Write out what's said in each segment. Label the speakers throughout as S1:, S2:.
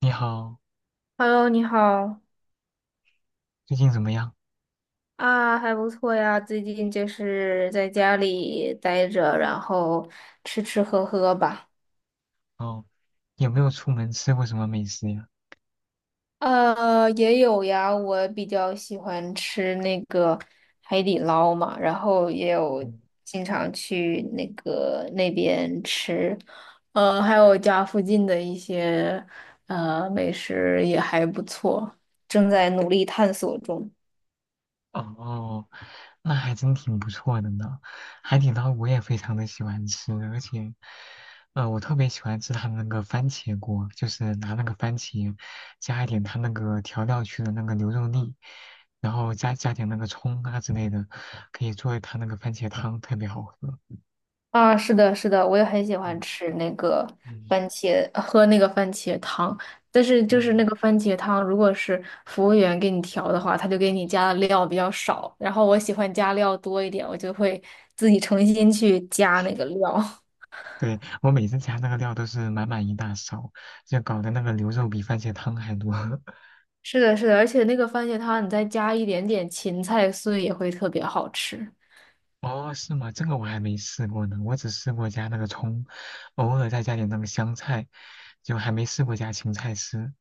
S1: 你好，
S2: Hello，你好
S1: 最近怎么样？
S2: 啊，还不错呀。最近就是在家里待着，然后吃吃喝喝吧。
S1: 哦，有没有出门吃过什么美食呀？
S2: 也有呀，我比较喜欢吃那个海底捞嘛，然后也有
S1: 嗯。
S2: 经常去那个那边吃。还有家附近的一些美食也还不错，正在努力探索中。
S1: 哦，那还真挺不错的呢。海底捞我也非常的喜欢吃，而且，我特别喜欢吃他的那个番茄锅，就是拿那个番茄，加一点它那个调料区的那个牛肉粒，然后加点那个葱啊之类的，可以做一它那个番茄汤，特别好喝。
S2: 啊，是的，是的，我也很喜欢
S1: 嗯
S2: 吃那个
S1: 嗯。
S2: 番茄，喝那个番茄汤。但是就是那
S1: 嗯，
S2: 个番茄汤，如果是服务员给你调的话，他就给你加的料比较少。然后我喜欢加料多一点，我就会自己重新去加那个料。
S1: 对，我每次加那个料都是满满一大勺，就搞得那个牛肉比番茄汤还多。
S2: 是的，是的，而且那个番茄汤你再加一点点芹菜碎也会特别好吃。
S1: 哦，是吗？这个我还没试过呢，我只试过加那个葱，偶尔再加点那个香菜，就还没试过加芹菜丝。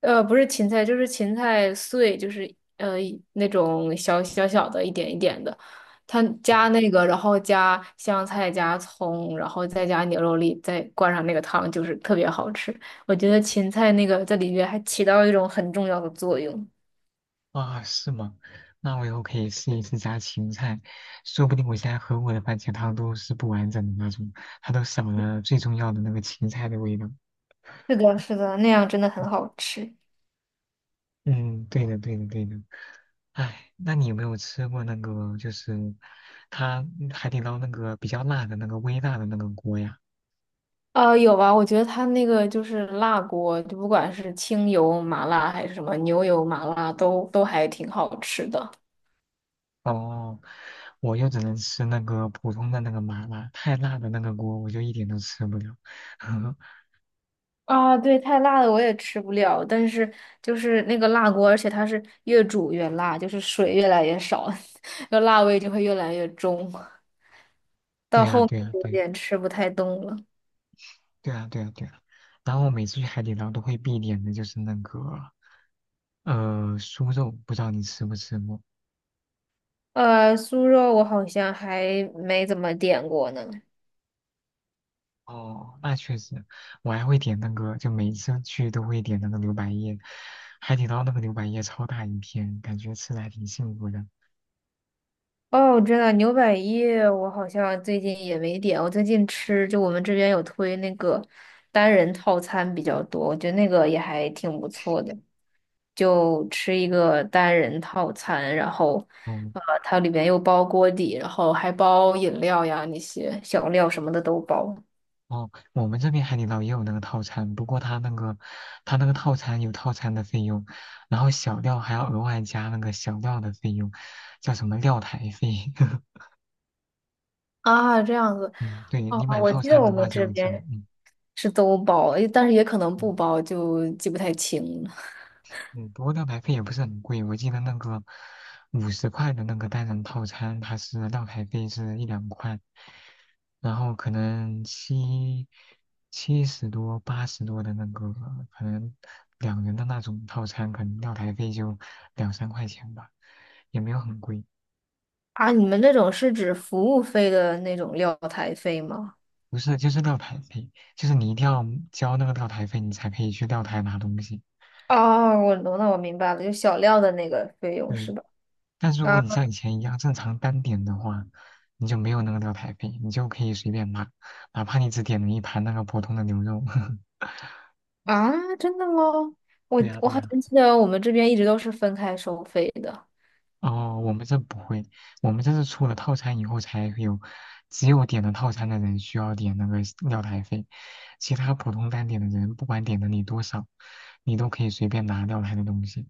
S2: 不是芹菜，就是芹菜碎，就是呃那种小小小的，一点一点的。它
S1: 哦，
S2: 加那个，然后加香菜、加葱，然后再加牛肉粒，再灌上那个汤，就是特别好吃。我觉得芹菜那个在里面还起到一种很重要的作用。
S1: 啊是吗？那我以后可以试一试加芹菜，说不定我现在喝过的番茄汤都是不完整的那种，它都少了最重要的那个芹菜的味道。
S2: 是的，是的，那样真的很好吃。
S1: 嗯，对的，对的，对的。哎，那你有没有吃过那个，就是它海底捞那个比较辣的那个微辣的那个锅呀？
S2: 有吧？我觉得它那个就是辣锅，就不管是清油麻辣还是什么牛油麻辣，都还挺好吃的。
S1: 哦，我又只能吃那个普通的那个麻辣，太辣的那个锅我就一点都吃不了。
S2: 啊，对，太辣的我也吃不了，但是就是那个辣锅，而且它是越煮越辣，就是水越来越少，那辣味就会越来越重，
S1: 对
S2: 到
S1: 呀，
S2: 后面
S1: 对呀，
S2: 有
S1: 对，
S2: 点吃不太动了。
S1: 对呀，对呀，对呀。然后我每次去海底捞都会必点的就是那个酥肉，不知道你吃不吃过？
S2: 酥肉我好像还没怎么点过呢。
S1: 哦，那确实，我还会点那个，就每次去都会点那个牛百叶，海底捞那个牛百叶超大一片，感觉吃的还挺幸福的。
S2: 哦，我知道牛百叶，我好像最近也没点。我最近吃，就我们这边有推那个单人套餐比较多，我觉得那个也还挺不错的。就吃一个单人套餐，然后，
S1: 哦
S2: 它里面又包锅底，然后还包饮料呀，那些小料什么的都包。
S1: 哦，我们这边海底捞也有那个套餐，不过它那个套餐有套餐的费用，然后小料还要额外加那个小料的费用，叫什么料台费。
S2: 啊，这样子。
S1: 嗯，对
S2: 哦，
S1: 你买
S2: 我
S1: 套
S2: 记得
S1: 餐
S2: 我
S1: 的话
S2: 们
S1: 就
S2: 这
S1: 有就
S2: 边
S1: 嗯。
S2: 是都包，诶但是也可能
S1: 嗯
S2: 不包，就记不太清了。
S1: 嗯，不过蛋白费也不是很贵，我记得那个50块的那个单人套餐，它是料台费是1-2块，然后可能七十多、80多的那个，可能两人的那种套餐，可能料台费就2-3块钱吧，也没有很贵。
S2: 啊，你们那种是指服务费的那种料台费吗？
S1: 不是，就是料台费，就是你一定要交那个料台费，你才可以去料台拿东西。
S2: 哦，我懂了，我明白了，就小料的那个费用
S1: 对，
S2: 是吧？
S1: 但是如
S2: 啊
S1: 果你像以前一样正常单点的话，你就没有那个料台费，你就可以随便拿，哪怕你只点了一盘那个普通的牛肉。
S2: 啊，真的吗？我
S1: 对呀，
S2: 我
S1: 对
S2: 好
S1: 呀。
S2: 像记得我们这边一直都是分开收费的。
S1: 哦，我们这不会，我们这是出了套餐以后才会有，只有点了套餐的人需要点那个料台费，其他普通单点的人不管点了你多少，你都可以随便拿料台的东西。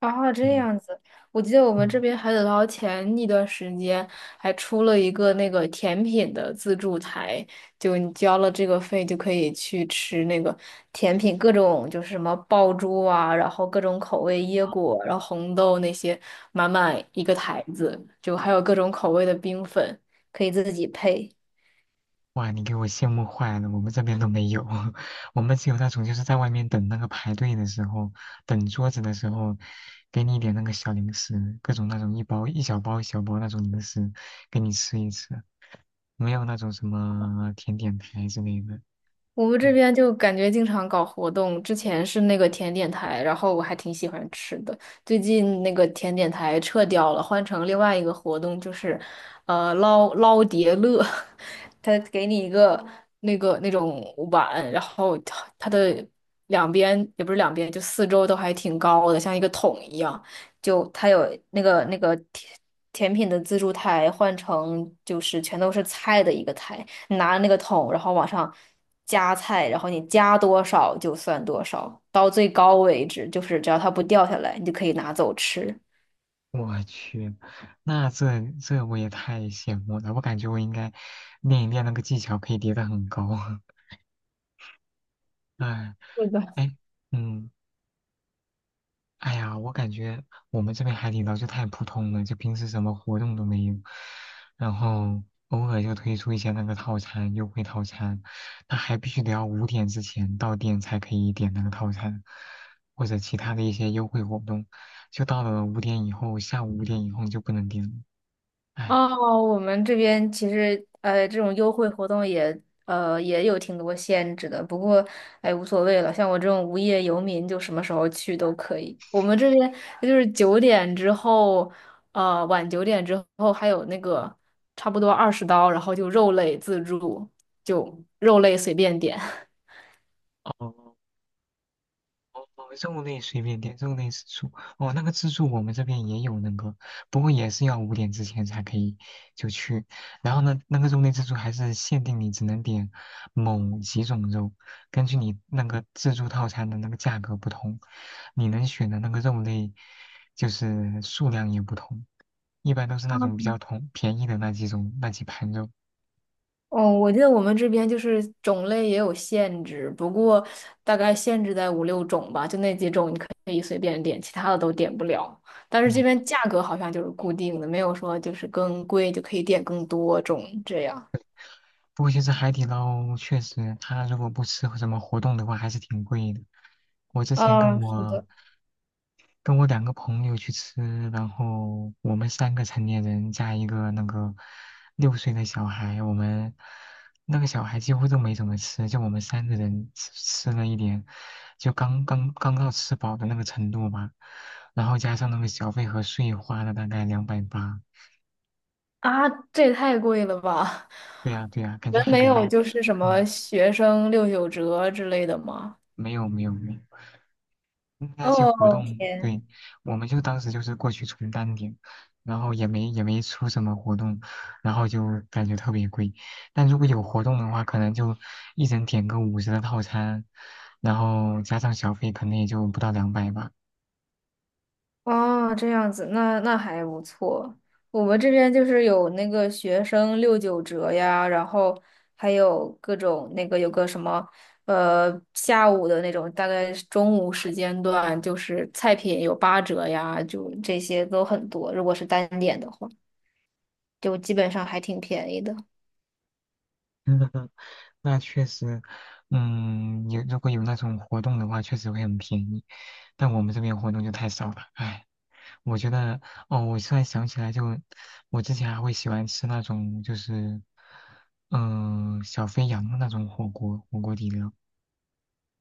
S2: 哦，这
S1: 嗯。
S2: 样子，我记得我们这
S1: 嗯。
S2: 边海底捞前一段时间还出了一个那个甜品的自助台，就你交了这个费就可以去吃那个甜品，各种就是什么爆珠啊，然后各种口味椰果，然后红豆那些，满满一个台子，就还有各种口味的冰粉，可以自己配。
S1: 哇，你给我羡慕坏了，我们这边都没有，我们只有那种就是在外面等那个排队的时候，等桌子的时候，给你一点那个小零食，各种那种一包一小包一小包那种零食，给你吃一吃，没有那种什么甜点台之类的。
S2: 我们这边就感觉经常搞活动，之前是那个甜点台，然后我还挺喜欢吃的。最近那个甜点台撤掉了，换成另外一个活动，就是，捞捞叠乐，他给你一个那个那种碗，然后它的两边也不是两边，就四周都还挺高的，像一个桶一样。就它有那个甜品的自助台换成就是全都是菜的一个台。拿着那个桶，然后往上加菜，然后你加多少就算多少，到最高为止，就是只要它不掉下来，你就可以拿走吃。
S1: 我去，那这我也太羡慕了，我感觉我应该练一练那个技巧，可以叠得很高。哎
S2: 是的，
S1: 哎，嗯。哎呀，我感觉我们这边海底捞就太普通了，就平时什么活动都没有，然后偶尔就推出一些那个套餐优惠套餐，那还必须得要五点之前到店才可以点那个套餐，或者其他的一些优惠活动，就到了五点以后，下午五点以后就不能点了，哎。
S2: 哦，我们这边其实这种优惠活动也有挺多限制的，不过哎无所谓了，像我这种无业游民就什么时候去都可以。我们这边就是九点之后，晚9点之后还有那个差不多20刀，然后就肉类自助，就肉类随便点。
S1: 哦，哦，肉类随便点，肉类自助。哦，那个自助我们这边也有那个，不过也是要五点之前才可以就去。然后呢，那个肉类自助还是限定你只能点某几种肉，根据你那个自助套餐的那个价格不同，你能选的那个肉类就是数量也不同，一般都是那种比较同便宜的那几种那几盘肉。
S2: 哦，我记得我们这边就是种类也有限制，不过大概限制在五六种吧，就那几种你可以随便点，其他的都点不了。但是这
S1: 嗯。
S2: 边价格好像就是固定的，没有说就是更贵就可以点更多种这样。
S1: 不过其实海底捞确实，它如果不吃什么活动的话，还是挺贵的。我之前跟
S2: 嗯，是
S1: 我
S2: 的。
S1: 跟我两个朋友去吃，然后我们三个成年人加一个那个6岁的小孩，我们那个小孩几乎都没怎么吃，就我们三个人吃了一点，就刚刚到吃饱的那个程度吧。然后加上那个小费和税，花了大概280。
S2: 啊，这也太贵了吧！
S1: 对呀，对呀，感
S2: 你
S1: 觉
S2: 们
S1: 海
S2: 没
S1: 底
S2: 有
S1: 捞，
S2: 就是什
S1: 嗯，
S2: 么学生六九折之类的吗？
S1: 没有没有没有。那些活
S2: 哦，
S1: 动，
S2: 天。
S1: 对，我们就当时就是过去充单点，然后也没出什么活动，然后就感觉特别贵。但如果有活动的话，可能就一人点个五十的套餐，然后加上小费，可能也就不到两百吧。
S2: 哦，这样子，那还不错。我们这边就是有那个学生六九折呀，然后还有各种那个有个什么下午的那种，大概是中午时间段，就是菜品有8折呀，就这些都很多。如果是单点的话，就基本上还挺便宜的。
S1: 嗯，那确实，嗯，有如果有那种活动的话，确实会很便宜，但我们这边活动就太少了，唉。我觉得，哦，我突然想起来就，我之前还会喜欢吃那种，就是，嗯、小肥羊的那种火锅，火锅底料。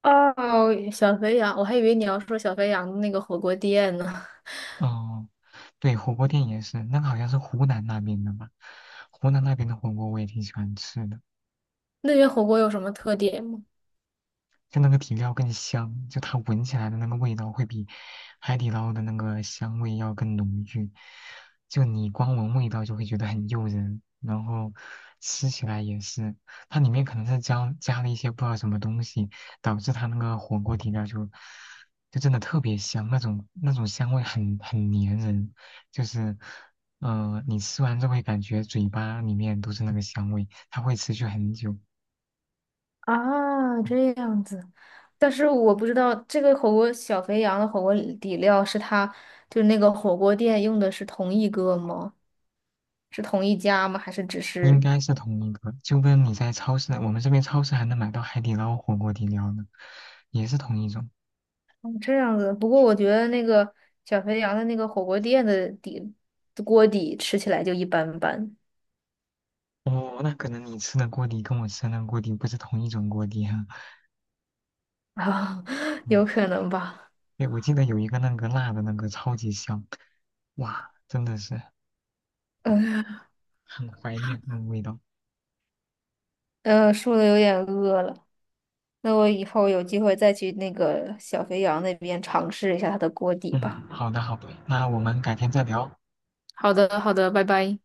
S2: 哦，小肥羊，我还以为你要说小肥羊的那个火锅店呢。
S1: 哦，对，火锅店也是，那个好像是湖南那边的吧？湖南那边的火锅我也挺喜欢吃的。
S2: 那边火锅有什么特点吗？
S1: 就那个底料更香，就它闻起来的那个味道会比海底捞的那个香味要更浓郁。就你光闻味道就会觉得很诱人，然后吃起来也是，它里面可能是加了一些不知道什么东西，导致它那个火锅底料就真的特别香，那种香味很粘人，就是你吃完就会感觉嘴巴里面都是那个香味，它会持续很久。
S2: 啊，这样子，但是我不知道这个火锅小肥羊的火锅底料是他就是那个火锅店用的是同一个吗？是同一家吗？还是只
S1: 应
S2: 是
S1: 该是同一个，就跟你在超市，我们这边超市还能买到海底捞火锅底料呢，也是同一种。
S2: 哦这样子？不过我觉得那个小肥羊的那个火锅店的底锅底吃起来就一般般
S1: 哦，那可能你吃的锅底跟我吃的那个锅底不是同一种锅底哈。
S2: 啊，
S1: 嗯，
S2: 有可能吧。
S1: 对，我记得有一个那个辣的那个超级香，哇，真的是
S2: 嗯，
S1: 很怀念那个味道。
S2: 说的有点饿了，那我以后有机会再去那个小肥羊那边尝试一下它的锅底吧。
S1: 嗯，好的好的，那我们改天再聊。
S2: 好的，好的，拜拜。